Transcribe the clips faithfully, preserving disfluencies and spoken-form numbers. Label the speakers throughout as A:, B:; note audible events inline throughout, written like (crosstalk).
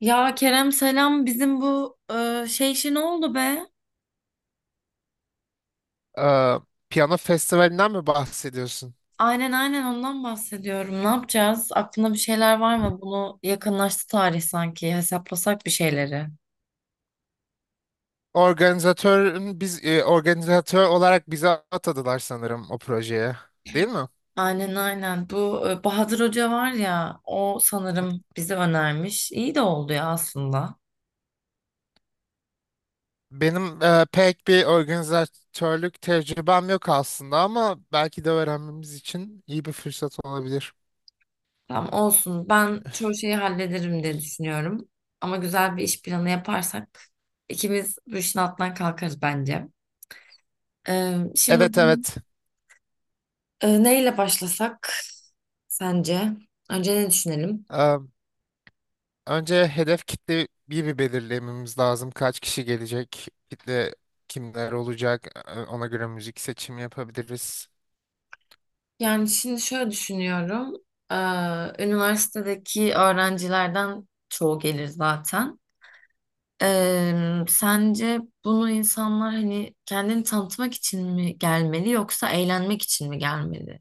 A: Ya Kerem selam, bizim bu e, şey işi ne oldu be?
B: Ee, Piyano festivalinden mi bahsediyorsun?
A: Aynen aynen, ondan bahsediyorum. Ne yapacağız? Aklında bir şeyler var mı? Bunu yakınlaştı tarih sanki. Hesaplasak bir şeyleri.
B: Organizatörün biz e, organizatör olarak bize atadılar sanırım o projeye. Değil mi?
A: Aynen aynen. Bu e, Bahadır Hoca var ya, o sanırım bize önermiş. İyi de oldu ya aslında.
B: Benim e, pek bir organizatörlük tecrübem yok aslında, ama belki de öğrenmemiz için iyi bir fırsat olabilir.
A: Tamam olsun. Ben çoğu şeyi hallederim diye düşünüyorum. Ama güzel bir iş planı yaparsak ikimiz bu işin altından kalkarız bence. E, şimdi
B: Evet, evet.
A: Ee, neyle başlasak sence? Önce ne düşünelim?
B: Ee, Önce hedef kitleyi bir belirlememiz lazım. Kaç kişi gelecek? Kitle kimler olacak? Ee, Ona göre müzik seçimi yapabiliriz.
A: Yani şimdi şöyle düşünüyorum. Ee, üniversitedeki öğrencilerden çoğu gelir zaten. Ee, sence bunu insanlar hani kendini tanıtmak için mi gelmeli yoksa eğlenmek için mi gelmeli?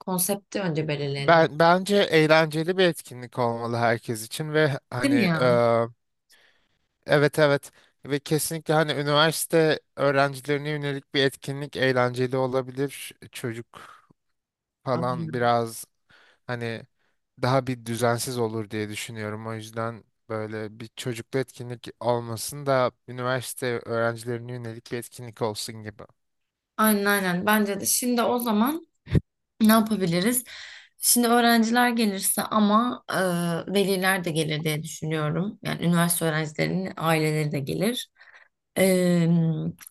A: Konsepti önce belirleyelim.
B: Ben bence eğlenceli bir etkinlik olmalı herkes için ve
A: Değil
B: hani
A: mi
B: e,
A: ya?
B: evet, evet, ve kesinlikle hani üniversite öğrencilerine yönelik bir etkinlik eğlenceli olabilir. Çocuk falan biraz hani daha bir düzensiz olur diye düşünüyorum. O yüzden böyle bir çocuklu etkinlik olmasın da üniversite öğrencilerine yönelik bir etkinlik olsun gibi.
A: Aynen aynen. Bence de. Şimdi o zaman ne yapabiliriz? Şimdi öğrenciler gelirse ama e, veliler de gelir diye düşünüyorum. Yani üniversite öğrencilerinin aileleri de gelir. E,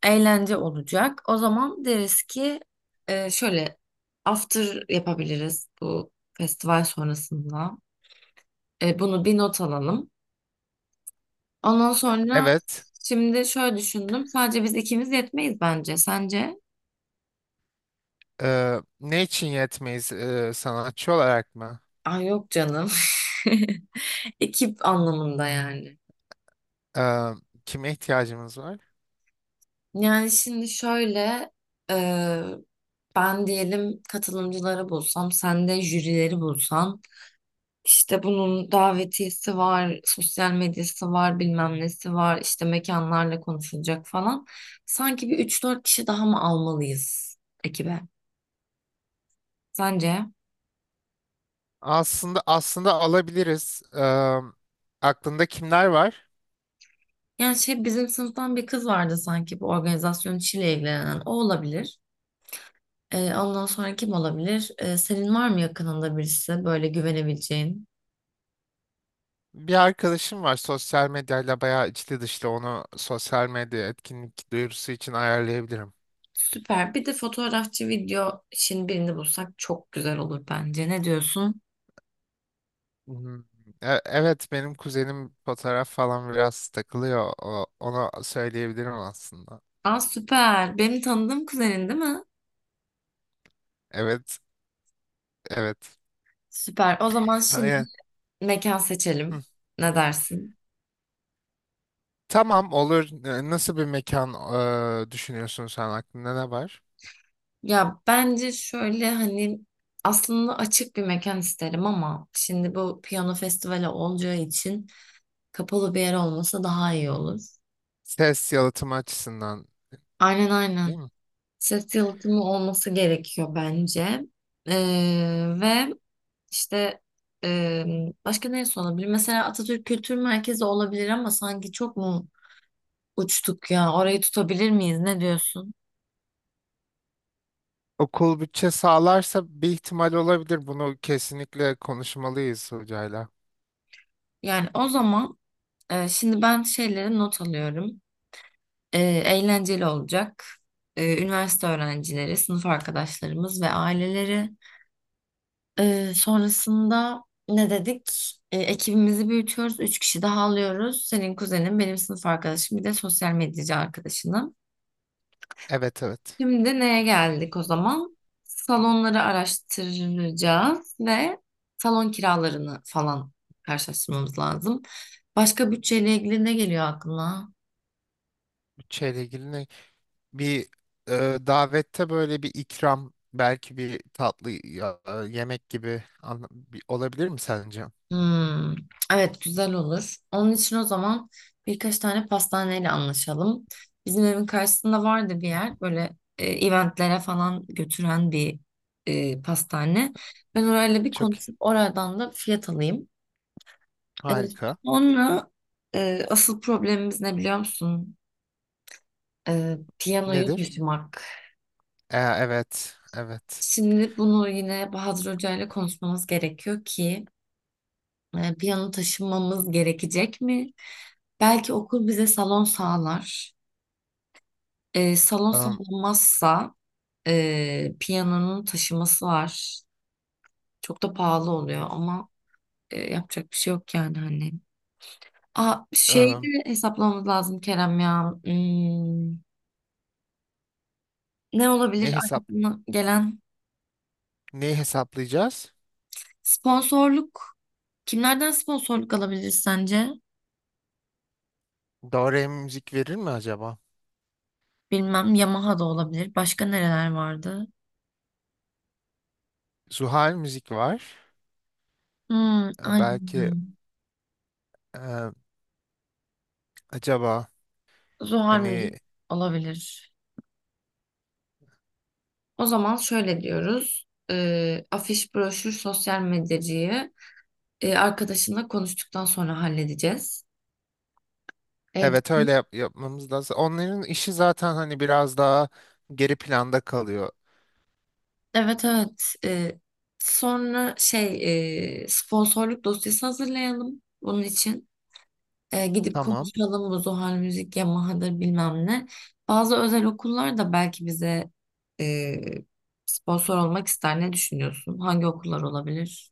A: Eğlence olacak. O zaman deriz ki e, şöyle after yapabiliriz bu festival sonrasında. E, bunu bir not alalım. Ondan sonra
B: Evet.
A: şimdi şöyle düşündüm. Sadece biz ikimiz yetmeyiz bence. Sence?
B: E, ne için yetmeyiz, e, sanatçı olarak mı?
A: Ay yok canım. (laughs) Ekip anlamında yani.
B: E, Kime ihtiyacımız var?
A: Yani şimdi şöyle e, ben diyelim katılımcıları bulsam, sen de jürileri bulsan, işte bunun davetiyesi var, sosyal medyası var, bilmem nesi var, işte mekanlarla konuşulacak falan. Sanki bir üç dört kişi daha mı almalıyız ekibe? Sence?
B: Aslında aslında alabiliriz. Eee, aklında kimler var?
A: Yani şey, bizim sınıftan bir kız vardı sanki bu organizasyon işiyle ilgilenen. O olabilir. E, ondan sonra kim olabilir? E, senin var mı yakınında birisi böyle güvenebileceğin?
B: Bir arkadaşım var sosyal medyayla bayağı içli dışlı, onu sosyal medya etkinlik duyurusu için ayarlayabilirim.
A: Süper. Bir de fotoğrafçı video için birini bulsak çok güzel olur bence. Ne diyorsun?
B: Hmm. E- Evet, benim kuzenim fotoğraf falan biraz takılıyor. O, ona söyleyebilirim aslında.
A: Aa süper. Benim tanıdığım kuzenin değil mi?
B: Evet, evet.
A: Süper. O zaman şimdi
B: Aynen.
A: mekan seçelim.
B: Hı.
A: Ne dersin?
B: Tamam, olur. E, Nasıl bir mekan e, düşünüyorsun, sen aklında ne var?
A: Ya bence şöyle hani aslında açık bir mekan isterim ama şimdi bu piyano festivali olacağı için kapalı bir yer olmasa daha iyi olur.
B: Ses yalıtımı açısından
A: Aynen aynen.
B: değil mi?
A: Ses yalıtımı olması gerekiyor bence. Ee, ve işte e, Başka neresi olabilir? Mesela Atatürk Kültür Merkezi olabilir ama sanki çok mu uçtuk ya? Orayı tutabilir miyiz? Ne diyorsun?
B: Okul bütçe sağlarsa bir ihtimal olabilir. Bunu kesinlikle konuşmalıyız hocayla.
A: Yani o zaman e, şimdi ben şeyleri not alıyorum. E, Eğlenceli olacak. E, üniversite öğrencileri, sınıf arkadaşlarımız ve aileleri. Ee, sonrasında ne dedik? Ee, ekibimizi büyütüyoruz. Üç kişi daha alıyoruz. Senin kuzenin, benim sınıf arkadaşım, bir de sosyal medyacı arkadaşının.
B: Evet, evet.
A: Şimdi neye geldik o zaman? Salonları araştıracağız ve salon kiralarını falan karşılaştırmamız lazım. Başka bütçeyle ilgili ne geliyor aklına?
B: Bütçeyle ilgili ne? Bir e, davette böyle bir ikram, belki bir tatlı ya- e, yemek gibi anla- bir- olabilir mi sence?
A: Hmm, evet güzel olur. Onun için o zaman birkaç tane pastaneyle anlaşalım. Bizim evin karşısında vardı bir yer böyle, e, eventlere falan götüren bir e, pastane. Ben orayla bir
B: Çok
A: konuşup
B: iyi.
A: oradan da fiyat alayım. E,
B: Harika.
A: Sonra e, asıl problemimiz ne biliyor musun? E, piyanoyu
B: Nedir?
A: taşımak.
B: E, evet, evet.
A: Şimdi bunu yine Bahadır Hoca ile konuşmamız gerekiyor ki e, piyano taşınmamız gerekecek mi? Belki okul bize salon sağlar. E, salon
B: Am,
A: sağlanmazsa e, piyanonun taşıması var. Çok da pahalı oluyor ama e, yapacak bir şey yok yani hani. Aa, şeyde
B: am,
A: hesaplamamız lazım Kerem ya. Hmm, ne
B: ne
A: olabilir? Ay,
B: hesap
A: gelen?
B: Ne hesaplayacağız?
A: Sponsorluk. Kimlerden sponsorluk alabiliriz sence?
B: Doğru müzik verir mi acaba?
A: Bilmem. Yamaha da olabilir. Başka nereler vardı?
B: Zuhal müzik var.
A: Hmm,
B: E, belki
A: aynen.
B: e, acaba
A: Zuhal
B: hani
A: müzik olabilir. O zaman şöyle diyoruz. Ee, afiş, broşür, sosyal medyacıyı e, arkadaşınla konuştuktan sonra halledeceğiz. Ee,
B: evet,
A: bizim-
B: öyle yap- yapmamız lazım. Onların işi zaten hani biraz daha geri planda kalıyor.
A: evet evet. Ee, sonra şey, e, sponsorluk dosyası hazırlayalım bunun için. Ee, gidip
B: Tamam.
A: konuşalım bu Zuhal Müzik, Yamaha'dır bilmem ne. Bazı özel okullar da belki bize e, sponsor olmak ister. Ne düşünüyorsun? Hangi okullar olabilir?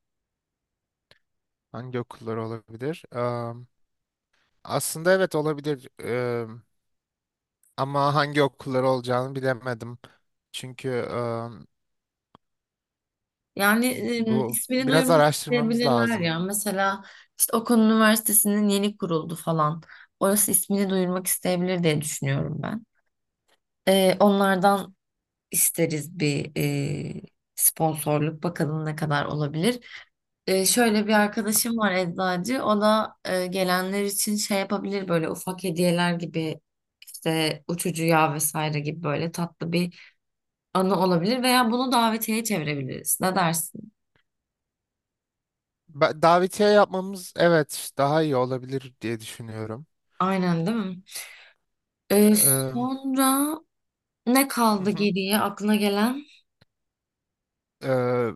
B: Hangi okullar olabilir? Am, aslında evet, olabilir. Am, ama hangi okullar olacağını bilemedim. Çünkü am,
A: Yani e,
B: Bu
A: ismini
B: biraz
A: duyurmak
B: araştırmamız
A: isteyebilirler
B: lazım.
A: ya. Mesela işte Okan Üniversitesi'nin yeni kuruldu falan. Orası ismini duyurmak isteyebilir diye düşünüyorum ben. E, onlardan isteriz bir e, sponsorluk. Bakalım ne kadar olabilir. E, şöyle bir arkadaşım var eczacı. O da e, gelenler için şey yapabilir, böyle ufak hediyeler gibi, işte uçucu yağ vesaire gibi, böyle tatlı bir anı olabilir veya bunu davetiye çevirebiliriz. Ne dersin?
B: Ba- Davetiye yapmamız evet daha iyi olabilir diye düşünüyorum.
A: Aynen değil mi? Ee,
B: Am,
A: sonra ne
B: hı
A: kaldı
B: hı.
A: geriye aklına gelen?
B: Ee,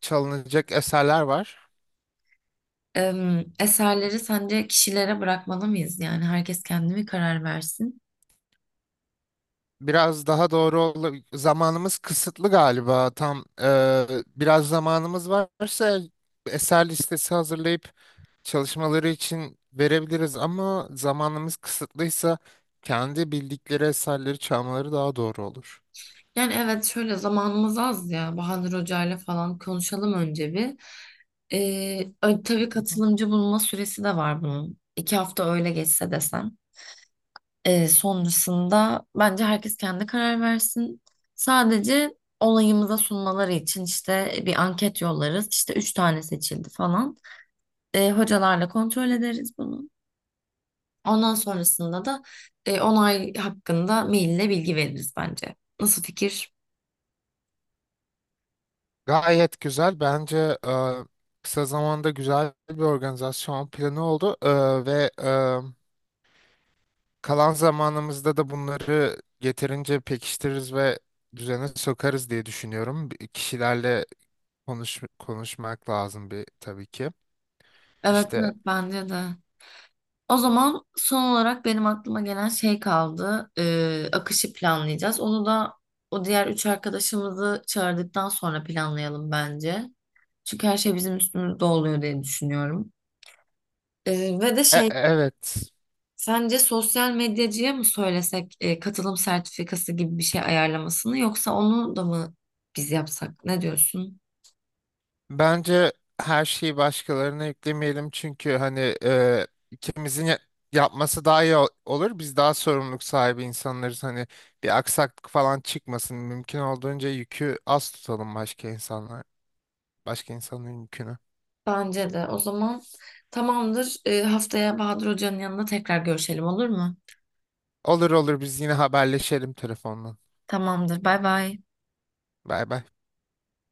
B: Çalınacak eserler var.
A: Em, eserleri sence kişilere bırakmalı mıyız? Yani herkes kendi mi karar versin?
B: Biraz daha doğru ol, zamanımız kısıtlı galiba tam eee, biraz zamanımız varsa eser listesi hazırlayıp çalışmaları için verebiliriz, ama zamanımız kısıtlıysa kendi bildikleri eserleri çalmaları daha doğru olur.
A: Yani evet, şöyle zamanımız az ya. Bahadır Hoca'yla falan konuşalım önce bir. Ee, ö- tabii
B: Hı hı.
A: katılımcı bulma süresi de var bunun. İki hafta öyle geçse desem. Ee, sonrasında bence herkes kendi karar versin. Sadece olayımıza sunmaları için işte bir anket yollarız. İşte üç tane seçildi falan. E, hocalarla kontrol ederiz bunu. Ondan sonrasında da e, onay hakkında maille bilgi veririz bence. Nasıl fikir?
B: Gayet güzel bence, eee, kısa zamanda güzel bir organizasyon planı oldu. Eee, ve e, kalan zamanımızda da bunları yeterince pekiştiririz ve düzene sokarız diye düşünüyorum. Bir- Kişilerle konuş, konuşmak lazım bir tabii ki.
A: Evet,
B: İşte
A: evet bence de. O zaman son olarak benim aklıma gelen şey kaldı. E, akışı planlayacağız. Onu da o diğer üç arkadaşımızı çağırdıktan sonra planlayalım bence. Çünkü her şey bizim üstümüzde oluyor diye düşünüyorum. E, ve de
B: e- e,
A: şey
B: evet,
A: Sence sosyal medyacıya mı söylesek e, katılım sertifikası gibi bir şey ayarlamasını yoksa onu da mı biz yapsak? Ne diyorsun?
B: bence her şeyi başkalarına yüklemeyelim çünkü hani e, ikimizin ya- yapması daha iyi ol- olur. Biz daha sorumluluk sahibi insanlarız. Hani bir aksaklık falan çıkmasın. Mümkün olduğunca yükü az tutalım başka insanlar, başka insanların yükünü.
A: Bence de. O zaman tamamdır. E, haftaya Bahadır Hoca'nın yanında tekrar görüşelim olur mu?
B: Olur, olur, biz yine haberleşelim telefonla.
A: Tamamdır. Bay bay.
B: Bay bay.